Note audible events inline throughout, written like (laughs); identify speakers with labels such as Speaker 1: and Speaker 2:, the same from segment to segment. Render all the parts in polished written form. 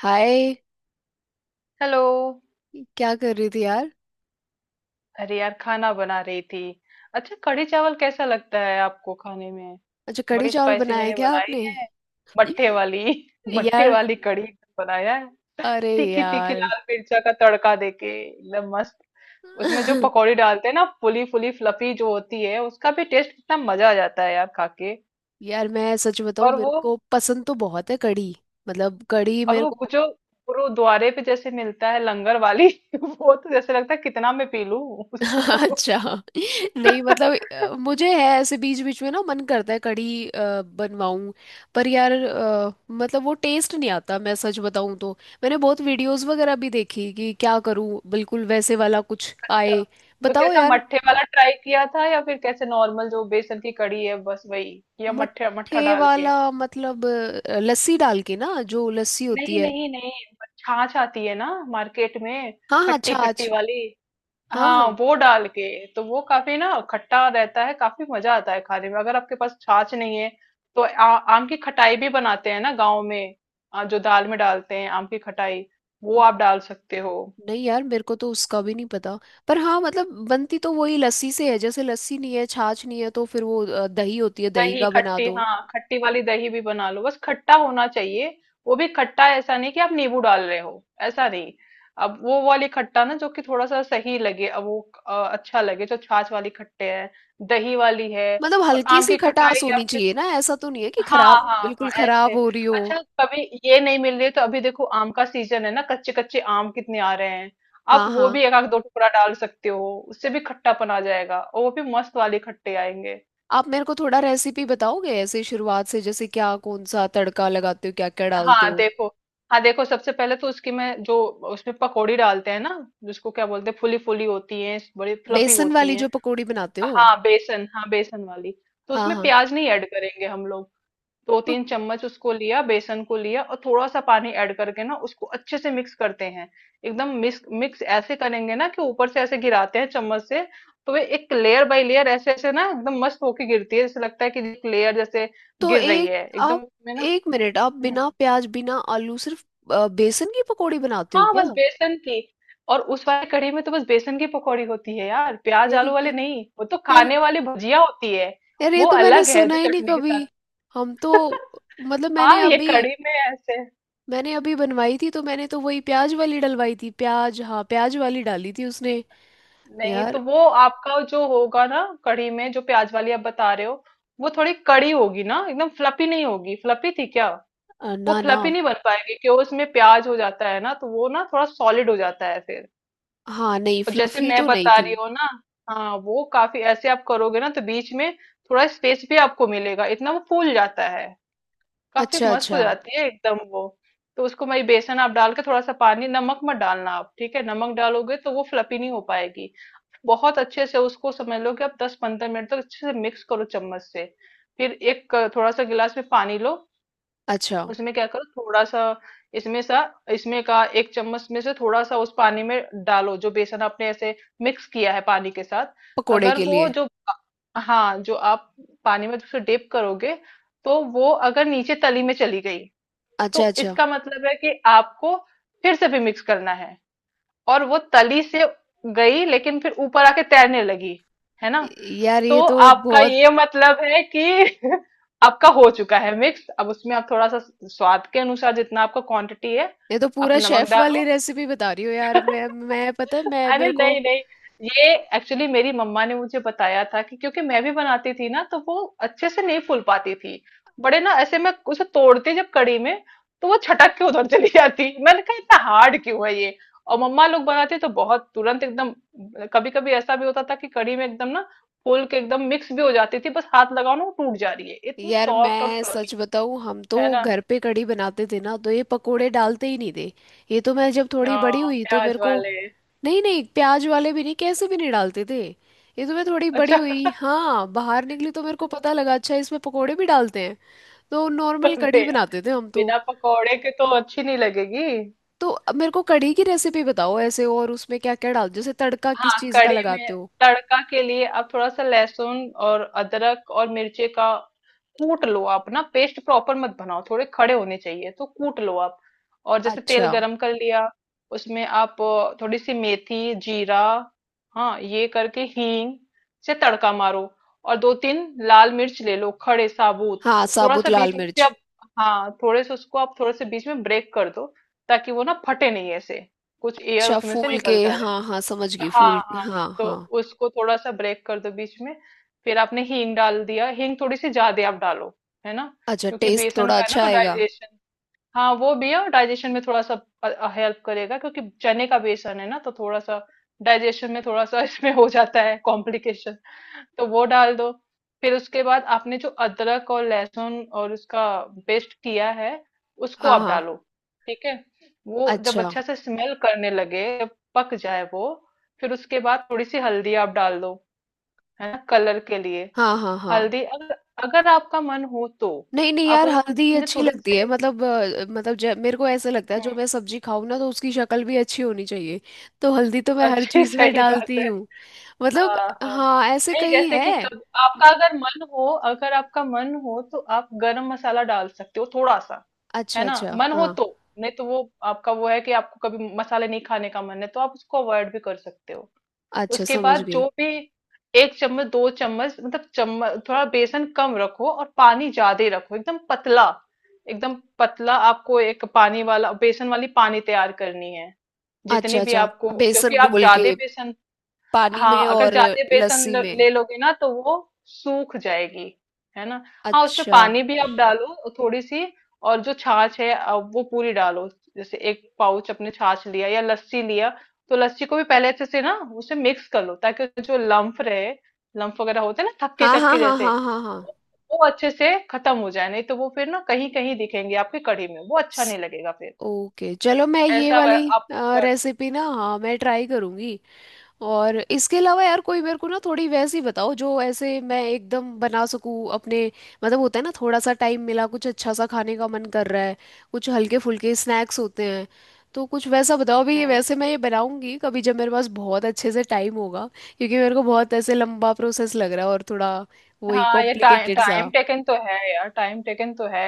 Speaker 1: हाय।
Speaker 2: Hello.
Speaker 1: क्या कर रही थी यार।
Speaker 2: अरे यार, खाना बना रही थी। अच्छा, कढ़ी चावल कैसा लगता है आपको खाने में?
Speaker 1: अच्छा, कढ़ी
Speaker 2: बड़ी
Speaker 1: चावल
Speaker 2: स्पाइसी
Speaker 1: बनाया है
Speaker 2: मैंने
Speaker 1: क्या आपने।
Speaker 2: बनाई है, मट्ठे वाली।
Speaker 1: (laughs)
Speaker 2: (laughs) मट्ठे
Speaker 1: यार।
Speaker 2: वाली कढ़ी बनाया है।
Speaker 1: अरे
Speaker 2: तीखी तीखी
Speaker 1: यार।
Speaker 2: लाल मिर्चा का तड़का देके एकदम मस्त। उसमें जो
Speaker 1: (laughs)
Speaker 2: पकौड़ी डालते हैं ना, फुली फुली फ्लफी जो होती है, उसका भी टेस्ट कितना मजा आ जाता है यार खा के।
Speaker 1: यार मैं सच बताऊं,
Speaker 2: और
Speaker 1: मेरे
Speaker 2: वो
Speaker 1: को पसंद तो बहुत है कढ़ी। मतलब कढ़ी
Speaker 2: और
Speaker 1: मेरे
Speaker 2: वो
Speaker 1: को।
Speaker 2: जो गुरुद्वारे पे जैसे मिलता है, लंगर वाली। (laughs) वो तो जैसे लगता है कितना मैं पी लूं
Speaker 1: (laughs)
Speaker 2: उसको।
Speaker 1: अच्छा।
Speaker 2: (laughs)
Speaker 1: नहीं मतलब मुझे है ऐसे बीच बीच में ना मन करता है कढ़ी बनवाऊं। पर यार मतलब वो टेस्ट नहीं आता, मैं सच बताऊं तो। मैंने बहुत वीडियोस वगैरह भी देखी कि क्या करूं बिल्कुल वैसे वाला कुछ
Speaker 2: अच्छा।
Speaker 1: आए।
Speaker 2: तो
Speaker 1: बताओ
Speaker 2: कैसा,
Speaker 1: यार।
Speaker 2: मट्ठे वाला ट्राई किया था या फिर कैसे नॉर्मल जो बेसन की कड़ी है बस वही, या मट्ठे
Speaker 1: मट्ठे
Speaker 2: मट्ठा डाल के?
Speaker 1: वाला मतलब लस्सी डाल के ना, जो लस्सी होती
Speaker 2: नहीं
Speaker 1: है।
Speaker 2: नहीं नहीं। छाछ आती है ना मार्केट में,
Speaker 1: हाँ हाँ,
Speaker 2: खट्टी खट्टी
Speaker 1: छाछ।
Speaker 2: वाली।
Speaker 1: हाँ हाँ।
Speaker 2: हाँ, वो डाल के। तो वो काफी ना खट्टा रहता है, काफी मजा आता है खाने में। अगर आपके पास छाछ नहीं है तो आम की खटाई भी बनाते हैं ना गाँव में। जो दाल में डालते हैं आम की खटाई, वो आप डाल सकते हो।
Speaker 1: नहीं यार, मेरे को तो उसका भी नहीं पता। पर हाँ, मतलब बनती तो वही लस्सी से है। जैसे लस्सी नहीं है, छाछ नहीं है, तो फिर वो दही होती है, दही
Speaker 2: दही
Speaker 1: का बना
Speaker 2: खट्टी,
Speaker 1: दो।
Speaker 2: हाँ खट्टी वाली दही भी बना लो, बस खट्टा होना चाहिए। वो भी खट्टा, ऐसा नहीं कि आप नींबू डाल रहे हो, ऐसा नहीं। अब वो वाली खट्टा ना, जो कि थोड़ा सा सही लगे, अब वो अच्छा लगे, जो छाछ वाली खट्टे है, दही वाली है।
Speaker 1: मतलब
Speaker 2: और
Speaker 1: हल्की
Speaker 2: आम
Speaker 1: सी
Speaker 2: की खटाई
Speaker 1: खटास
Speaker 2: या
Speaker 1: होनी
Speaker 2: फिर,
Speaker 1: चाहिए ना। ऐसा तो नहीं है कि
Speaker 2: हाँ
Speaker 1: खराब
Speaker 2: हाँ हाँ,
Speaker 1: बिल्कुल खराब
Speaker 2: ऐसे।
Speaker 1: हो रही हो।
Speaker 2: अच्छा, कभी ये नहीं मिल रही तो अभी देखो, आम का सीजन है ना, कच्चे कच्चे आम कितने आ रहे हैं। आप
Speaker 1: हाँ
Speaker 2: वो
Speaker 1: हाँ।
Speaker 2: भी एक आध दो टुकड़ा डाल सकते हो, उससे भी खट्टापन आ जाएगा और वो भी मस्त वाले खट्टे आएंगे।
Speaker 1: आप मेरे को थोड़ा रेसिपी बताओगे ऐसे शुरुआत से? जैसे क्या, कौन सा तड़का लगाते हो, क्या क्या डालते
Speaker 2: हाँ,
Speaker 1: हो।
Speaker 2: देखो। हाँ देखो, सबसे पहले तो उसकी मैं जो, उसमें पकौड़ी डालते हैं ना, जिसको क्या बोलते हैं, फूली फूली होती है, बड़ी फ्लफी
Speaker 1: बेसन
Speaker 2: होती
Speaker 1: वाली
Speaker 2: है।
Speaker 1: जो पकौड़ी बनाते हो?
Speaker 2: हाँ बेसन, हाँ बेसन वाली। तो
Speaker 1: हाँ
Speaker 2: उसमें
Speaker 1: हाँ।
Speaker 2: प्याज नहीं ऐड करेंगे हम लोग। दो
Speaker 1: तो
Speaker 2: तीन चम्मच उसको लिया, बेसन को लिया, और थोड़ा सा पानी ऐड करके ना उसको अच्छे से मिक्स करते हैं। एकदम मिक्स मिक्स ऐसे करेंगे ना, कि ऊपर से ऐसे गिराते हैं चम्मच से। तो वे एक लेयर बाय लेयर ऐसे ऐसे ना एकदम मस्त होके गिरती है, जैसे लगता है कि एक लेयर जैसे
Speaker 1: तो
Speaker 2: गिर रही है एकदम
Speaker 1: आप
Speaker 2: उसमें ना।
Speaker 1: एक मिनट, आप
Speaker 2: हम्म।
Speaker 1: बिना प्याज बिना आलू सिर्फ बेसन की पकौड़ी बनाते हो
Speaker 2: हाँ,
Speaker 1: क्या?
Speaker 2: बस बेसन की। और उस वाली कढ़ी में तो बस बेसन की पकौड़ी होती है यार, प्याज
Speaker 1: यार
Speaker 2: आलू वाली
Speaker 1: ये
Speaker 2: नहीं, वो तो
Speaker 1: यार
Speaker 2: खाने वाली भुजिया होती है।
Speaker 1: यार ये
Speaker 2: वो
Speaker 1: तो मैंने
Speaker 2: अलग है
Speaker 1: सुना
Speaker 2: जो
Speaker 1: ही नहीं
Speaker 2: चटनी के
Speaker 1: कभी।
Speaker 2: साथ।
Speaker 1: हम तो
Speaker 2: (laughs)
Speaker 1: मतलब
Speaker 2: हाँ, ये कढ़ी में ऐसे।
Speaker 1: मैंने अभी बनवाई थी तो मैंने तो वही प्याज वाली डलवाई थी। प्याज, हाँ प्याज वाली डाली थी उसने।
Speaker 2: नहीं तो
Speaker 1: यार
Speaker 2: वो आपका जो होगा ना कढ़ी में, जो प्याज वाली आप बता रहे हो, वो थोड़ी कड़ी होगी ना, एकदम फ्लफी नहीं होगी। फ्लफी थी क्या? वो
Speaker 1: ना ना।
Speaker 2: फ्लफी नहीं बन पाएगी, क्योंकि उसमें प्याज हो जाता है ना, तो वो ना थोड़ा सॉलिड हो जाता है फिर।
Speaker 1: हाँ, नहीं
Speaker 2: और जैसे
Speaker 1: फ्लफी
Speaker 2: मैं
Speaker 1: तो नहीं
Speaker 2: बता
Speaker 1: थी।
Speaker 2: रही हूँ ना, हाँ वो काफी ऐसे आप करोगे ना तो बीच में थोड़ा स्पेस भी आपको मिलेगा, इतना वो फूल जाता है। काफी
Speaker 1: अच्छा
Speaker 2: मस्त हो
Speaker 1: अच्छा।
Speaker 2: जाती है एकदम वो। तो उसको मैं, बेसन आप डाल के थोड़ा सा पानी, नमक मत डालना आप, ठीक है? नमक डालोगे तो वो फ्लफी नहीं हो पाएगी। बहुत अच्छे से उसको समझ लो, कि आप 10-15 मिनट तक अच्छे से मिक्स करो चम्मच से। फिर एक थोड़ा सा गिलास में पानी लो।
Speaker 1: अच्छा,
Speaker 2: उसमें क्या करो थोड़ा सा, इसमें सा इसमें का एक चम्मच में से थोड़ा सा उस पानी में डालो, जो बेसन आपने ऐसे मिक्स किया है पानी के साथ।
Speaker 1: पकोड़े
Speaker 2: अगर
Speaker 1: के
Speaker 2: वो
Speaker 1: लिए?
Speaker 2: जो हाँ जो आप पानी में उसे डिप करोगे, तो वो अगर नीचे तली में चली गई,
Speaker 1: अच्छा
Speaker 2: तो
Speaker 1: अच्छा।
Speaker 2: इसका मतलब है कि आपको फिर से भी मिक्स करना है। और वो तली से गई, लेकिन फिर ऊपर आके तैरने लगी, है ना।
Speaker 1: यार
Speaker 2: तो
Speaker 1: ये तो
Speaker 2: आपका
Speaker 1: बहुत।
Speaker 2: ये मतलब है कि (laughs) आपका हो चुका है मिक्स। अब उसमें आप थोड़ा सा, स्वाद के अनुसार जितना आपका क्वांटिटी है,
Speaker 1: ये तो
Speaker 2: आप
Speaker 1: पूरा
Speaker 2: नमक
Speaker 1: शेफ वाली
Speaker 2: डालो।
Speaker 1: रेसिपी बता रही हो यार।
Speaker 2: (laughs)
Speaker 1: मैं पता है, मैं
Speaker 2: अरे
Speaker 1: मेरे को।
Speaker 2: नहीं नहीं, ये एक्चुअली मेरी मम्मा ने मुझे बताया था, कि क्योंकि मैं भी बनाती थी ना, तो वो अच्छे से नहीं फूल पाती थी। बड़े ना ऐसे मैं उसे तोड़ती जब कड़ी में, तो वो छटक के उधर चली जाती, मैंने कहा इतना हार्ड क्यों है ये। और मम्मा लोग बनाते तो बहुत तुरंत एकदम, कभी कभी ऐसा भी होता था कि कड़ी में एकदम ना फूल के एकदम मिक्स भी हो जाती थी, बस हाथ लगाओ ना वो टूट जा रही है इतनी
Speaker 1: यार
Speaker 2: सॉफ्ट और
Speaker 1: मैं सच
Speaker 2: फ्लफी।
Speaker 1: बताऊं, हम तो
Speaker 2: है ना।
Speaker 1: घर पे कढ़ी बनाते थे ना, तो ये पकोड़े डालते ही नहीं थे। ये तो मैं जब थोड़ी बड़ी
Speaker 2: हाँ,
Speaker 1: हुई तो मेरे
Speaker 2: प्याज
Speaker 1: को।
Speaker 2: वाले।
Speaker 1: नहीं नहीं, प्याज वाले भी नहीं, कैसे भी नहीं डालते थे। ये तो मैं थोड़ी बड़ी
Speaker 2: अच्छा।
Speaker 1: हुई, हाँ, बाहर निकली तो मेरे को पता
Speaker 2: (laughs)
Speaker 1: लगा, अच्छा इसमें पकोड़े भी डालते हैं। तो नॉर्मल कढ़ी
Speaker 2: अरे यार,
Speaker 1: बनाते थे हम तो।
Speaker 2: बिना पकौड़े के तो अच्छी नहीं लगेगी।
Speaker 1: तो अब मेरे को कढ़ी की रेसिपी बताओ ऐसे, और उसमें क्या क्या डाल, जैसे तड़का किस
Speaker 2: हाँ
Speaker 1: चीज़ का
Speaker 2: कड़ी
Speaker 1: लगाते
Speaker 2: में
Speaker 1: हो।
Speaker 2: तड़का के लिए, आप थोड़ा सा लहसुन और अदरक और मिर्ची का कूट लो आप ना, पेस्ट प्रॉपर मत बनाओ, थोड़े खड़े होने चाहिए, तो कूट लो आप। और जैसे तेल
Speaker 1: अच्छा।
Speaker 2: गरम कर लिया, उसमें आप थोड़ी सी मेथी जीरा, हाँ ये करके हींग से तड़का मारो। और 2-3 लाल मिर्च ले लो खड़े साबुत।
Speaker 1: हाँ,
Speaker 2: थोड़ा
Speaker 1: साबुत
Speaker 2: सा
Speaker 1: लाल
Speaker 2: बीच में से
Speaker 1: मिर्च।
Speaker 2: आप, हाँ थोड़े से उसको आप थोड़े से बीच में ब्रेक कर दो, ताकि वो ना फटे नहीं ऐसे, कुछ एयर
Speaker 1: अच्छा,
Speaker 2: उसमें से
Speaker 1: फूल के,
Speaker 2: निकलता रहे।
Speaker 1: हाँ हाँ समझ गई,
Speaker 2: हाँ
Speaker 1: फूल।
Speaker 2: हाँ।
Speaker 1: हाँ
Speaker 2: तो
Speaker 1: हाँ।
Speaker 2: उसको थोड़ा सा ब्रेक कर दो बीच में। फिर आपने हींग डाल दिया, हींग थोड़ी सी ज्यादा आप डालो, है ना,
Speaker 1: अच्छा,
Speaker 2: क्योंकि
Speaker 1: टेस्ट
Speaker 2: बेसन
Speaker 1: थोड़ा
Speaker 2: का है ना
Speaker 1: अच्छा
Speaker 2: तो
Speaker 1: आएगा।
Speaker 2: डाइजेशन, हाँ वो भी है, और डाइजेशन में थोड़ा सा हेल्प करेगा। क्योंकि चने का बेसन है ना तो थोड़ा सा डाइजेशन में थोड़ा सा (laughs) इसमें हो जाता है कॉम्प्लिकेशन, तो वो डाल दो। फिर उसके बाद आपने जो अदरक और लहसुन और उसका पेस्ट किया है, उसको
Speaker 1: हाँ
Speaker 2: आप
Speaker 1: हाँ।
Speaker 2: डालो, ठीक है। वो जब
Speaker 1: अच्छा।
Speaker 2: अच्छा से स्मेल करने लगे, जब पक जाए वो, फिर उसके बाद थोड़ी सी हल्दी आप डाल दो, है ना, कलर के लिए।
Speaker 1: हाँ हाँ हाँ।
Speaker 2: हल्दी अगर अगर आपका मन हो तो,
Speaker 1: नहीं नहीं
Speaker 2: आप
Speaker 1: यार, हल्दी
Speaker 2: उसमें
Speaker 1: अच्छी
Speaker 2: थोड़े
Speaker 1: लगती है।
Speaker 2: से,
Speaker 1: मतलब जब मेरे को ऐसा लगता है जो मैं सब्जी खाऊं ना, तो उसकी शक्ल भी अच्छी होनी चाहिए। तो हल्दी तो मैं हर
Speaker 2: अच्छी
Speaker 1: चीज में
Speaker 2: सही बात
Speaker 1: डालती
Speaker 2: है।
Speaker 1: हूँ। मतलब
Speaker 2: हाँ हाँ
Speaker 1: हाँ, ऐसे
Speaker 2: नहीं,
Speaker 1: कई
Speaker 2: जैसे कि
Speaker 1: है।
Speaker 2: कब आपका अगर मन हो, अगर आपका मन हो तो आप गरम मसाला डाल सकते हो थोड़ा सा,
Speaker 1: अच्छा
Speaker 2: है ना,
Speaker 1: अच्छा,
Speaker 2: मन हो
Speaker 1: हाँ।
Speaker 2: तो। नहीं तो वो आपका वो है कि आपको कभी मसाले नहीं खाने का मन है, तो आप उसको अवॉइड भी कर सकते हो।
Speaker 1: अच्छा,
Speaker 2: उसके
Speaker 1: समझ
Speaker 2: बाद
Speaker 1: गई।
Speaker 2: जो भी एक चम्मच दो चम्मच, मतलब चम्मच थोड़ा बेसन कम रखो और पानी ज्यादा ही रखो, एकदम पतला। एकदम पतला आपको एक पानी वाला बेसन वाली पानी तैयार करनी है, जितनी
Speaker 1: अच्छा
Speaker 2: भी
Speaker 1: अच्छा।
Speaker 2: आपको,
Speaker 1: बेसन
Speaker 2: क्योंकि आप
Speaker 1: घोल के
Speaker 2: ज्यादा बेसन,
Speaker 1: पानी
Speaker 2: हाँ
Speaker 1: में,
Speaker 2: अगर
Speaker 1: और
Speaker 2: ज्यादा बेसन
Speaker 1: लस्सी में।
Speaker 2: ले लोगे ना, तो वो सूख जाएगी, है ना। हाँ उसमें
Speaker 1: अच्छा।
Speaker 2: पानी भी आप डालो और थोड़ी सी, और जो छाछ है वो पूरी डालो। जैसे एक पाउच अपने छाछ लिया या लस्सी लिया, तो लस्सी को भी पहले अच्छे से ना उसे मिक्स कर लो, ताकि उसमें जो लम्फ रहे, लम्फ वगैरह होते हैं ना, थक्के
Speaker 1: हाँ हाँ
Speaker 2: थक्के
Speaker 1: हाँ हाँ
Speaker 2: जैसे,
Speaker 1: हाँ हाँ।
Speaker 2: वो अच्छे से खत्म हो जाए, नहीं तो वो फिर ना कहीं कहीं दिखेंगे आपकी कढ़ी में, वो अच्छा नहीं
Speaker 1: स-
Speaker 2: लगेगा फिर।
Speaker 1: ओके चलो मैं ये
Speaker 2: ऐसा
Speaker 1: वाली
Speaker 2: आप कर,
Speaker 1: रेसिपी, ना, हाँ मैं ट्राई करूँगी। और इसके अलावा यार, कोई मेरे को ना थोड़ी वैसी बताओ जो ऐसे मैं एकदम बना सकूँ अपने। मतलब होता है ना, थोड़ा सा टाइम मिला, कुछ अच्छा सा खाने का मन कर रहा है। कुछ हल्के फुल्के स्नैक्स होते हैं। तो कुछ वैसा बताओ भी, ये
Speaker 2: हम्म।
Speaker 1: वैसे मैं ये बनाऊंगी कभी जब मेरे पास बहुत अच्छे से टाइम होगा। क्योंकि मेरे को बहुत ऐसे लंबा प्रोसेस लग रहा है, और थोड़ा वही
Speaker 2: हाँ ये टाइम
Speaker 1: कॉम्प्लिकेटेड
Speaker 2: टाइम
Speaker 1: सा।
Speaker 2: टेकन तो है यार, टाइम टेकन तो है।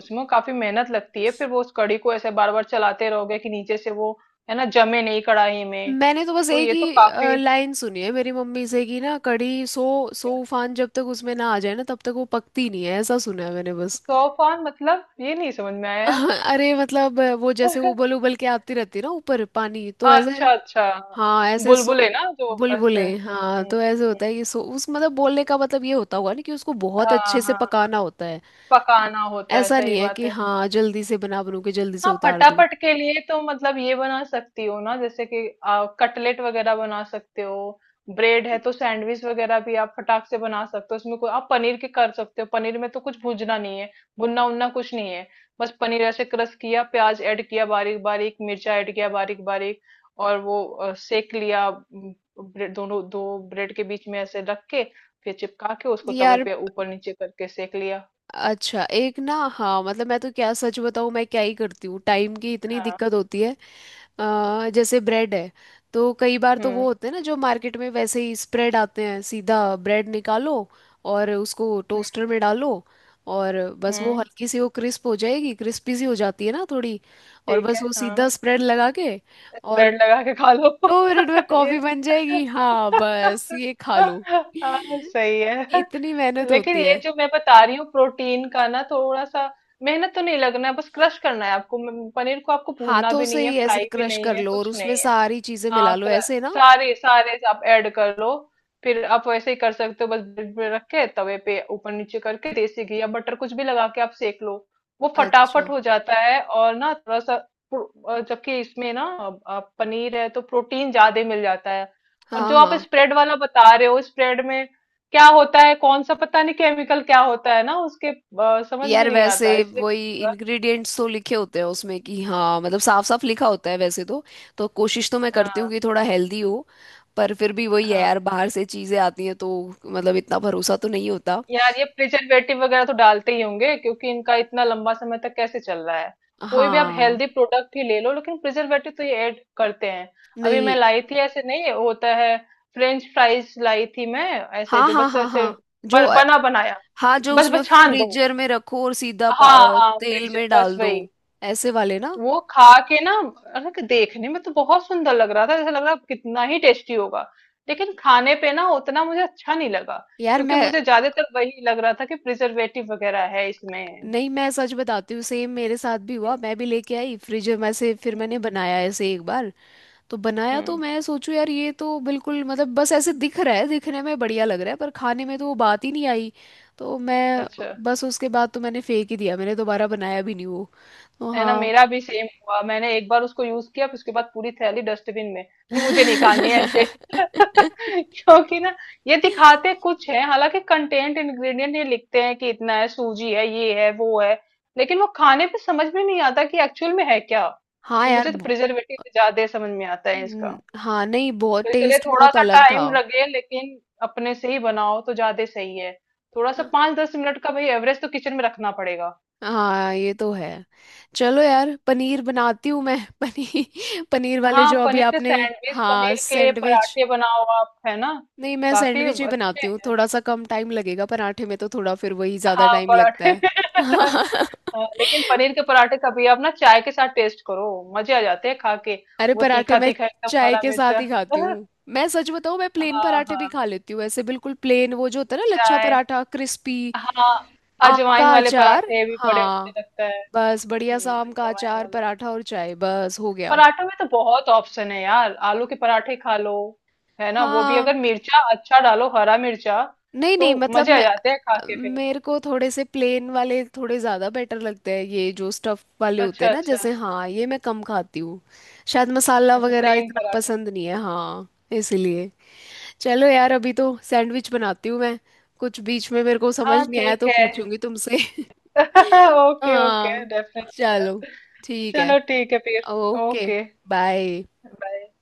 Speaker 2: उसमें काफी मेहनत लगती है, फिर वो उस कड़ी को ऐसे बार बार चलाते रहोगे कि नीचे से वो, है ना, जमे नहीं कढ़ाई में।
Speaker 1: मैंने तो बस
Speaker 2: तो
Speaker 1: एक
Speaker 2: ये तो
Speaker 1: ही
Speaker 2: काफी,
Speaker 1: लाइन सुनी है मेरी मम्मी से, कि ना, कढ़ी सो उफान जब तक उसमें ना आ जाए ना, तब तक वो पकती नहीं है, ऐसा सुना है मैंने बस।
Speaker 2: तूफान मतलब ये नहीं समझ में आया
Speaker 1: (laughs)
Speaker 2: यार।
Speaker 1: अरे मतलब वो जैसे उबल
Speaker 2: (laughs)
Speaker 1: उबल के आती रहती है ना ऊपर पानी, तो ऐसे।
Speaker 2: अच्छा अच्छा।
Speaker 1: हाँ ऐसे सो।
Speaker 2: बुलबुले ना जो
Speaker 1: बुलबुले,
Speaker 2: ऐसे,
Speaker 1: हाँ,
Speaker 2: हम्म।
Speaker 1: तो ऐसे होता
Speaker 2: हम्म।
Speaker 1: है कि सो उस मतलब, बोलने का मतलब ये होता होगा ना कि उसको बहुत
Speaker 2: हाँ
Speaker 1: अच्छे से
Speaker 2: हाँ।
Speaker 1: पकाना होता है।
Speaker 2: पकाना होता है,
Speaker 1: ऐसा नहीं
Speaker 2: सही
Speaker 1: है
Speaker 2: बात
Speaker 1: कि
Speaker 2: है।
Speaker 1: हाँ जल्दी से बना बनू के जल्दी से
Speaker 2: हाँ
Speaker 1: उतार दूं।
Speaker 2: फटाफट के लिए तो मतलब ये बना सकती हो ना, जैसे कि कटलेट वगैरह बना सकते हो। ब्रेड है तो सैंडविच वगैरह भी आप फटाक से बना सकते हो, उसमें कोई आप पनीर के कर सकते हो, पनीर में तो कुछ भूजना नहीं है, भुनना उनना कुछ नहीं है। बस पनीर ऐसे क्रश किया, प्याज ऐड किया, बारीक बारीक मिर्चा ऐड किया बारीक बारीक। और वो सेक लिया, ब्रेड दोनों, दो ब्रेड के बीच में ऐसे रख के, फिर चिपका के उसको तवे
Speaker 1: यार।
Speaker 2: पे ऊपर नीचे करके सेक लिया।
Speaker 1: अच्छा एक ना, हाँ मतलब मैं तो क्या सच बताऊँ, मैं क्या ही करती हूँ, टाइम की इतनी
Speaker 2: हाँ।
Speaker 1: दिक्कत होती है। जैसे ब्रेड है, तो कई बार तो वो
Speaker 2: हम्म।
Speaker 1: होते हैं ना जो मार्केट में वैसे ही स्प्रेड आते हैं सीधा। ब्रेड निकालो और उसको
Speaker 2: हम्म।
Speaker 1: टोस्टर में डालो, और बस वो
Speaker 2: हम्म,
Speaker 1: हल्की सी वो क्रिस्प हो जाएगी, क्रिस्पी सी हो जाती है ना थोड़ी। और
Speaker 2: ठीक
Speaker 1: बस
Speaker 2: है।
Speaker 1: वो
Speaker 2: हाँ,
Speaker 1: सीधा स्प्रेड लगा के, और
Speaker 2: स्प्रेड लगा के खा लो। (laughs)
Speaker 1: 2 मिनट में
Speaker 2: ये,
Speaker 1: कॉफी बन जाएगी, हाँ बस ये खा लो। (laughs)
Speaker 2: हाँ सही है।
Speaker 1: इतनी मेहनत
Speaker 2: लेकिन
Speaker 1: होती
Speaker 2: ये
Speaker 1: है।
Speaker 2: जो मैं बता रही हूँ, प्रोटीन का ना थोड़ा सा, मेहनत तो नहीं लगना है, बस क्रश करना है आपको, पनीर को आपको भूनना
Speaker 1: हाथों
Speaker 2: भी
Speaker 1: से
Speaker 2: नहीं है,
Speaker 1: ही
Speaker 2: फ्राई
Speaker 1: ऐसे
Speaker 2: भी
Speaker 1: क्रश
Speaker 2: नहीं
Speaker 1: कर
Speaker 2: है,
Speaker 1: लो और
Speaker 2: कुछ
Speaker 1: उसमें
Speaker 2: नहीं है।
Speaker 1: सारी चीजें मिला
Speaker 2: हाँ,
Speaker 1: लो ऐसे ना।
Speaker 2: सारे सारे आप ऐड कर लो। फिर आप वैसे ही कर सकते हो, बस ब्रेड पे रख के तवे पे ऊपर नीचे करके देसी घी या बटर कुछ भी लगा के आप सेक लो। वो फटाफट
Speaker 1: अच्छा।
Speaker 2: हो जाता है, और ना थोड़ा सा जबकि इसमें ना, अब आप पनीर है तो प्रोटीन ज्यादा मिल जाता है। और
Speaker 1: हाँ
Speaker 2: जो आप
Speaker 1: हाँ।
Speaker 2: स्प्रेड वाला बता रहे हो, स्प्रेड में क्या होता है, कौन सा पता नहीं केमिकल क्या होता है ना उसके, समझ में
Speaker 1: यार
Speaker 2: नहीं
Speaker 1: वैसे,
Speaker 2: आता, इसलिए मैं
Speaker 1: वही
Speaker 2: थोड़ा।
Speaker 1: इंग्रेडिएंट्स तो लिखे होते हैं उसमें कि, हाँ मतलब साफ साफ लिखा होता है वैसे तो। तो कोशिश तो मैं करती
Speaker 2: हाँ
Speaker 1: हूँ कि थोड़ा हेल्दी हो। पर फिर भी वही है
Speaker 2: हाँ।
Speaker 1: यार, बाहर से चीजें आती हैं तो। मतलब इतना भरोसा तो नहीं होता।
Speaker 2: यार ये प्रिजर्वेटिव वगैरह तो डालते ही होंगे, क्योंकि इनका इतना लंबा समय तक कैसे चल रहा है। कोई भी आप
Speaker 1: हाँ।
Speaker 2: हेल्दी प्रोडक्ट ही ले लो, लेकिन प्रिजर्वेटिव तो ये ऐड करते हैं। अभी मैं
Speaker 1: नहीं।
Speaker 2: लाई थी, ऐसे नहीं होता है। फ्रेंच फ्राइज लाई थी मैं, ऐसे
Speaker 1: हाँ
Speaker 2: जो
Speaker 1: हाँ
Speaker 2: बस
Speaker 1: हाँ
Speaker 2: ऐसे
Speaker 1: हाँ। जो
Speaker 2: बना बनाया,
Speaker 1: हाँ, जो
Speaker 2: बस
Speaker 1: उसमें
Speaker 2: बस छान दो,
Speaker 1: फ्रीजर में रखो और सीधा
Speaker 2: हाँ हाँ
Speaker 1: तेल
Speaker 2: फ्रीजर,
Speaker 1: में
Speaker 2: बस
Speaker 1: डाल दो,
Speaker 2: वही।
Speaker 1: ऐसे वाले ना।
Speaker 2: वो खा के ना, अरे, कि देखने में तो बहुत सुंदर लग रहा था, जैसे लग रहा कितना ही टेस्टी होगा, लेकिन खाने पे ना उतना मुझे अच्छा नहीं लगा।
Speaker 1: यार
Speaker 2: क्योंकि
Speaker 1: मैं।
Speaker 2: मुझे ज्यादातर वही लग रहा था कि प्रिजर्वेटिव वगैरह है इसमें।
Speaker 1: नहीं मैं सच बताती हूँ, सेम मेरे साथ भी हुआ, मैं भी लेके आई फ्रिज में से, फिर मैंने बनाया ऐसे एक बार। तो बनाया तो
Speaker 2: हम्म।
Speaker 1: मैं सोचू यार, ये तो बिल्कुल मतलब बस ऐसे दिख रहा है, दिखने में बढ़िया लग रहा है, पर खाने में तो वो बात ही नहीं आई। तो मैं।
Speaker 2: अच्छा।
Speaker 1: बस उसके बाद तो मैंने फेंक ही दिया, मैंने दोबारा बनाया भी नहीं वो। तो
Speaker 2: है ना,
Speaker 1: हाँ।
Speaker 2: मेरा भी सेम हुआ, मैंने एक बार उसको यूज किया, फिर उसके बाद पूरी थैली डस्टबिन में, मुझे नहीं खानी है ऐसे। (laughs)
Speaker 1: (laughs)
Speaker 2: क्योंकि ना ये दिखाते कुछ है, हालांकि कंटेंट इंग्रेडिएंट ये लिखते हैं कि इतना है, सूजी है, ये है, वो है, लेकिन वो खाने पे समझ में नहीं आता कि एक्चुअल में है क्या।
Speaker 1: हाँ
Speaker 2: ये
Speaker 1: यार
Speaker 2: मुझे तो प्रिजर्वेटिव ज्यादा समझ में आता है इसका।
Speaker 1: हाँ नहीं, बहुत
Speaker 2: तो इसलिए
Speaker 1: टेस्ट
Speaker 2: थोड़ा
Speaker 1: बहुत
Speaker 2: सा
Speaker 1: अलग था।
Speaker 2: टाइम लगे, लेकिन अपने से ही बनाओ तो ज्यादा सही है। थोड़ा सा 5-10 मिनट का भाई, एवरेज तो किचन में रखना पड़ेगा।
Speaker 1: हाँ ये तो है। चलो यार, पनीर बनाती हूँ मैं। (laughs) पनीर, पनीर वाले
Speaker 2: हाँ,
Speaker 1: जो अभी
Speaker 2: पनीर के
Speaker 1: आपने।
Speaker 2: सैंडविच,
Speaker 1: हाँ
Speaker 2: पनीर के
Speaker 1: सैंडविच।
Speaker 2: पराठे बनाओ आप, है ना,
Speaker 1: नहीं मैं
Speaker 2: काफी
Speaker 1: सैंडविच ही बनाती
Speaker 2: अच्छे।
Speaker 1: हूँ, थोड़ा सा कम टाइम लगेगा, पराठे में तो थोड़ा फिर वही ज्यादा
Speaker 2: हाँ
Speaker 1: टाइम लगता
Speaker 2: पराठे।
Speaker 1: है।
Speaker 2: (laughs)
Speaker 1: (laughs)
Speaker 2: हाँ, लेकिन पनीर के पराठे कभी आप ना चाय के साथ टेस्ट करो, मजे आ जाते हैं खा के।
Speaker 1: अरे
Speaker 2: वो
Speaker 1: पराठे
Speaker 2: तीखा
Speaker 1: मैं
Speaker 2: तीखा एकदम
Speaker 1: चाय
Speaker 2: हरा
Speaker 1: के साथ
Speaker 2: मिर्चा।
Speaker 1: ही खाती
Speaker 2: (laughs)
Speaker 1: हूँ। मैं सच बताऊँ, मैं प्लेन
Speaker 2: हाँ
Speaker 1: पराठे भी
Speaker 2: हाँ,
Speaker 1: खा लेती हूँ, ऐसे बिल्कुल प्लेन, वो जो होता है ना लच्छा
Speaker 2: चाय।
Speaker 1: पराठा, क्रिस्पी।
Speaker 2: हाँ,
Speaker 1: आम
Speaker 2: अजवाइन
Speaker 1: का
Speaker 2: वाले
Speaker 1: अचार।
Speaker 2: पराठे भी बड़े अच्छे
Speaker 1: हाँ,
Speaker 2: लगता है।
Speaker 1: बस बढ़िया सा आम का
Speaker 2: अजवाइन
Speaker 1: अचार,
Speaker 2: वाले
Speaker 1: पराठा और चाय, बस हो गया।
Speaker 2: पराठों में तो बहुत ऑप्शन है यार, आलू के पराठे खा लो, है ना, वो भी
Speaker 1: हाँ
Speaker 2: अगर मिर्चा अच्छा डालो, हरा मिर्चा,
Speaker 1: नहीं
Speaker 2: तो
Speaker 1: नहीं मतलब
Speaker 2: मजे आ
Speaker 1: मैं
Speaker 2: जाते हैं खा के फिर।
Speaker 1: मेरे को थोड़े से प्लेन वाले थोड़े ज़्यादा बेटर लगते हैं, ये जो स्टफ वाले होते
Speaker 2: अच्छा
Speaker 1: हैं ना
Speaker 2: अच्छा।
Speaker 1: जैसे, हाँ ये मैं कम खाती हूँ। शायद मसाला
Speaker 2: अच्छा,
Speaker 1: वगैरह
Speaker 2: प्लेन
Speaker 1: इतना
Speaker 2: पराठा।
Speaker 1: पसंद नहीं है, हाँ। इसीलिए। चलो यार, अभी तो सैंडविच बनाती हूँ मैं। कुछ बीच में मेरे को समझ
Speaker 2: हाँ
Speaker 1: नहीं आया
Speaker 2: ठीक
Speaker 1: तो
Speaker 2: है।
Speaker 1: पूछूंगी तुमसे।
Speaker 2: (laughs)
Speaker 1: (laughs)
Speaker 2: ओके ओके,
Speaker 1: हाँ।
Speaker 2: डेफिनेटली।
Speaker 1: चलो ठीक है,
Speaker 2: चलो, ठीक है फिर।
Speaker 1: Okay,
Speaker 2: okay.
Speaker 1: बाय।
Speaker 2: बाय।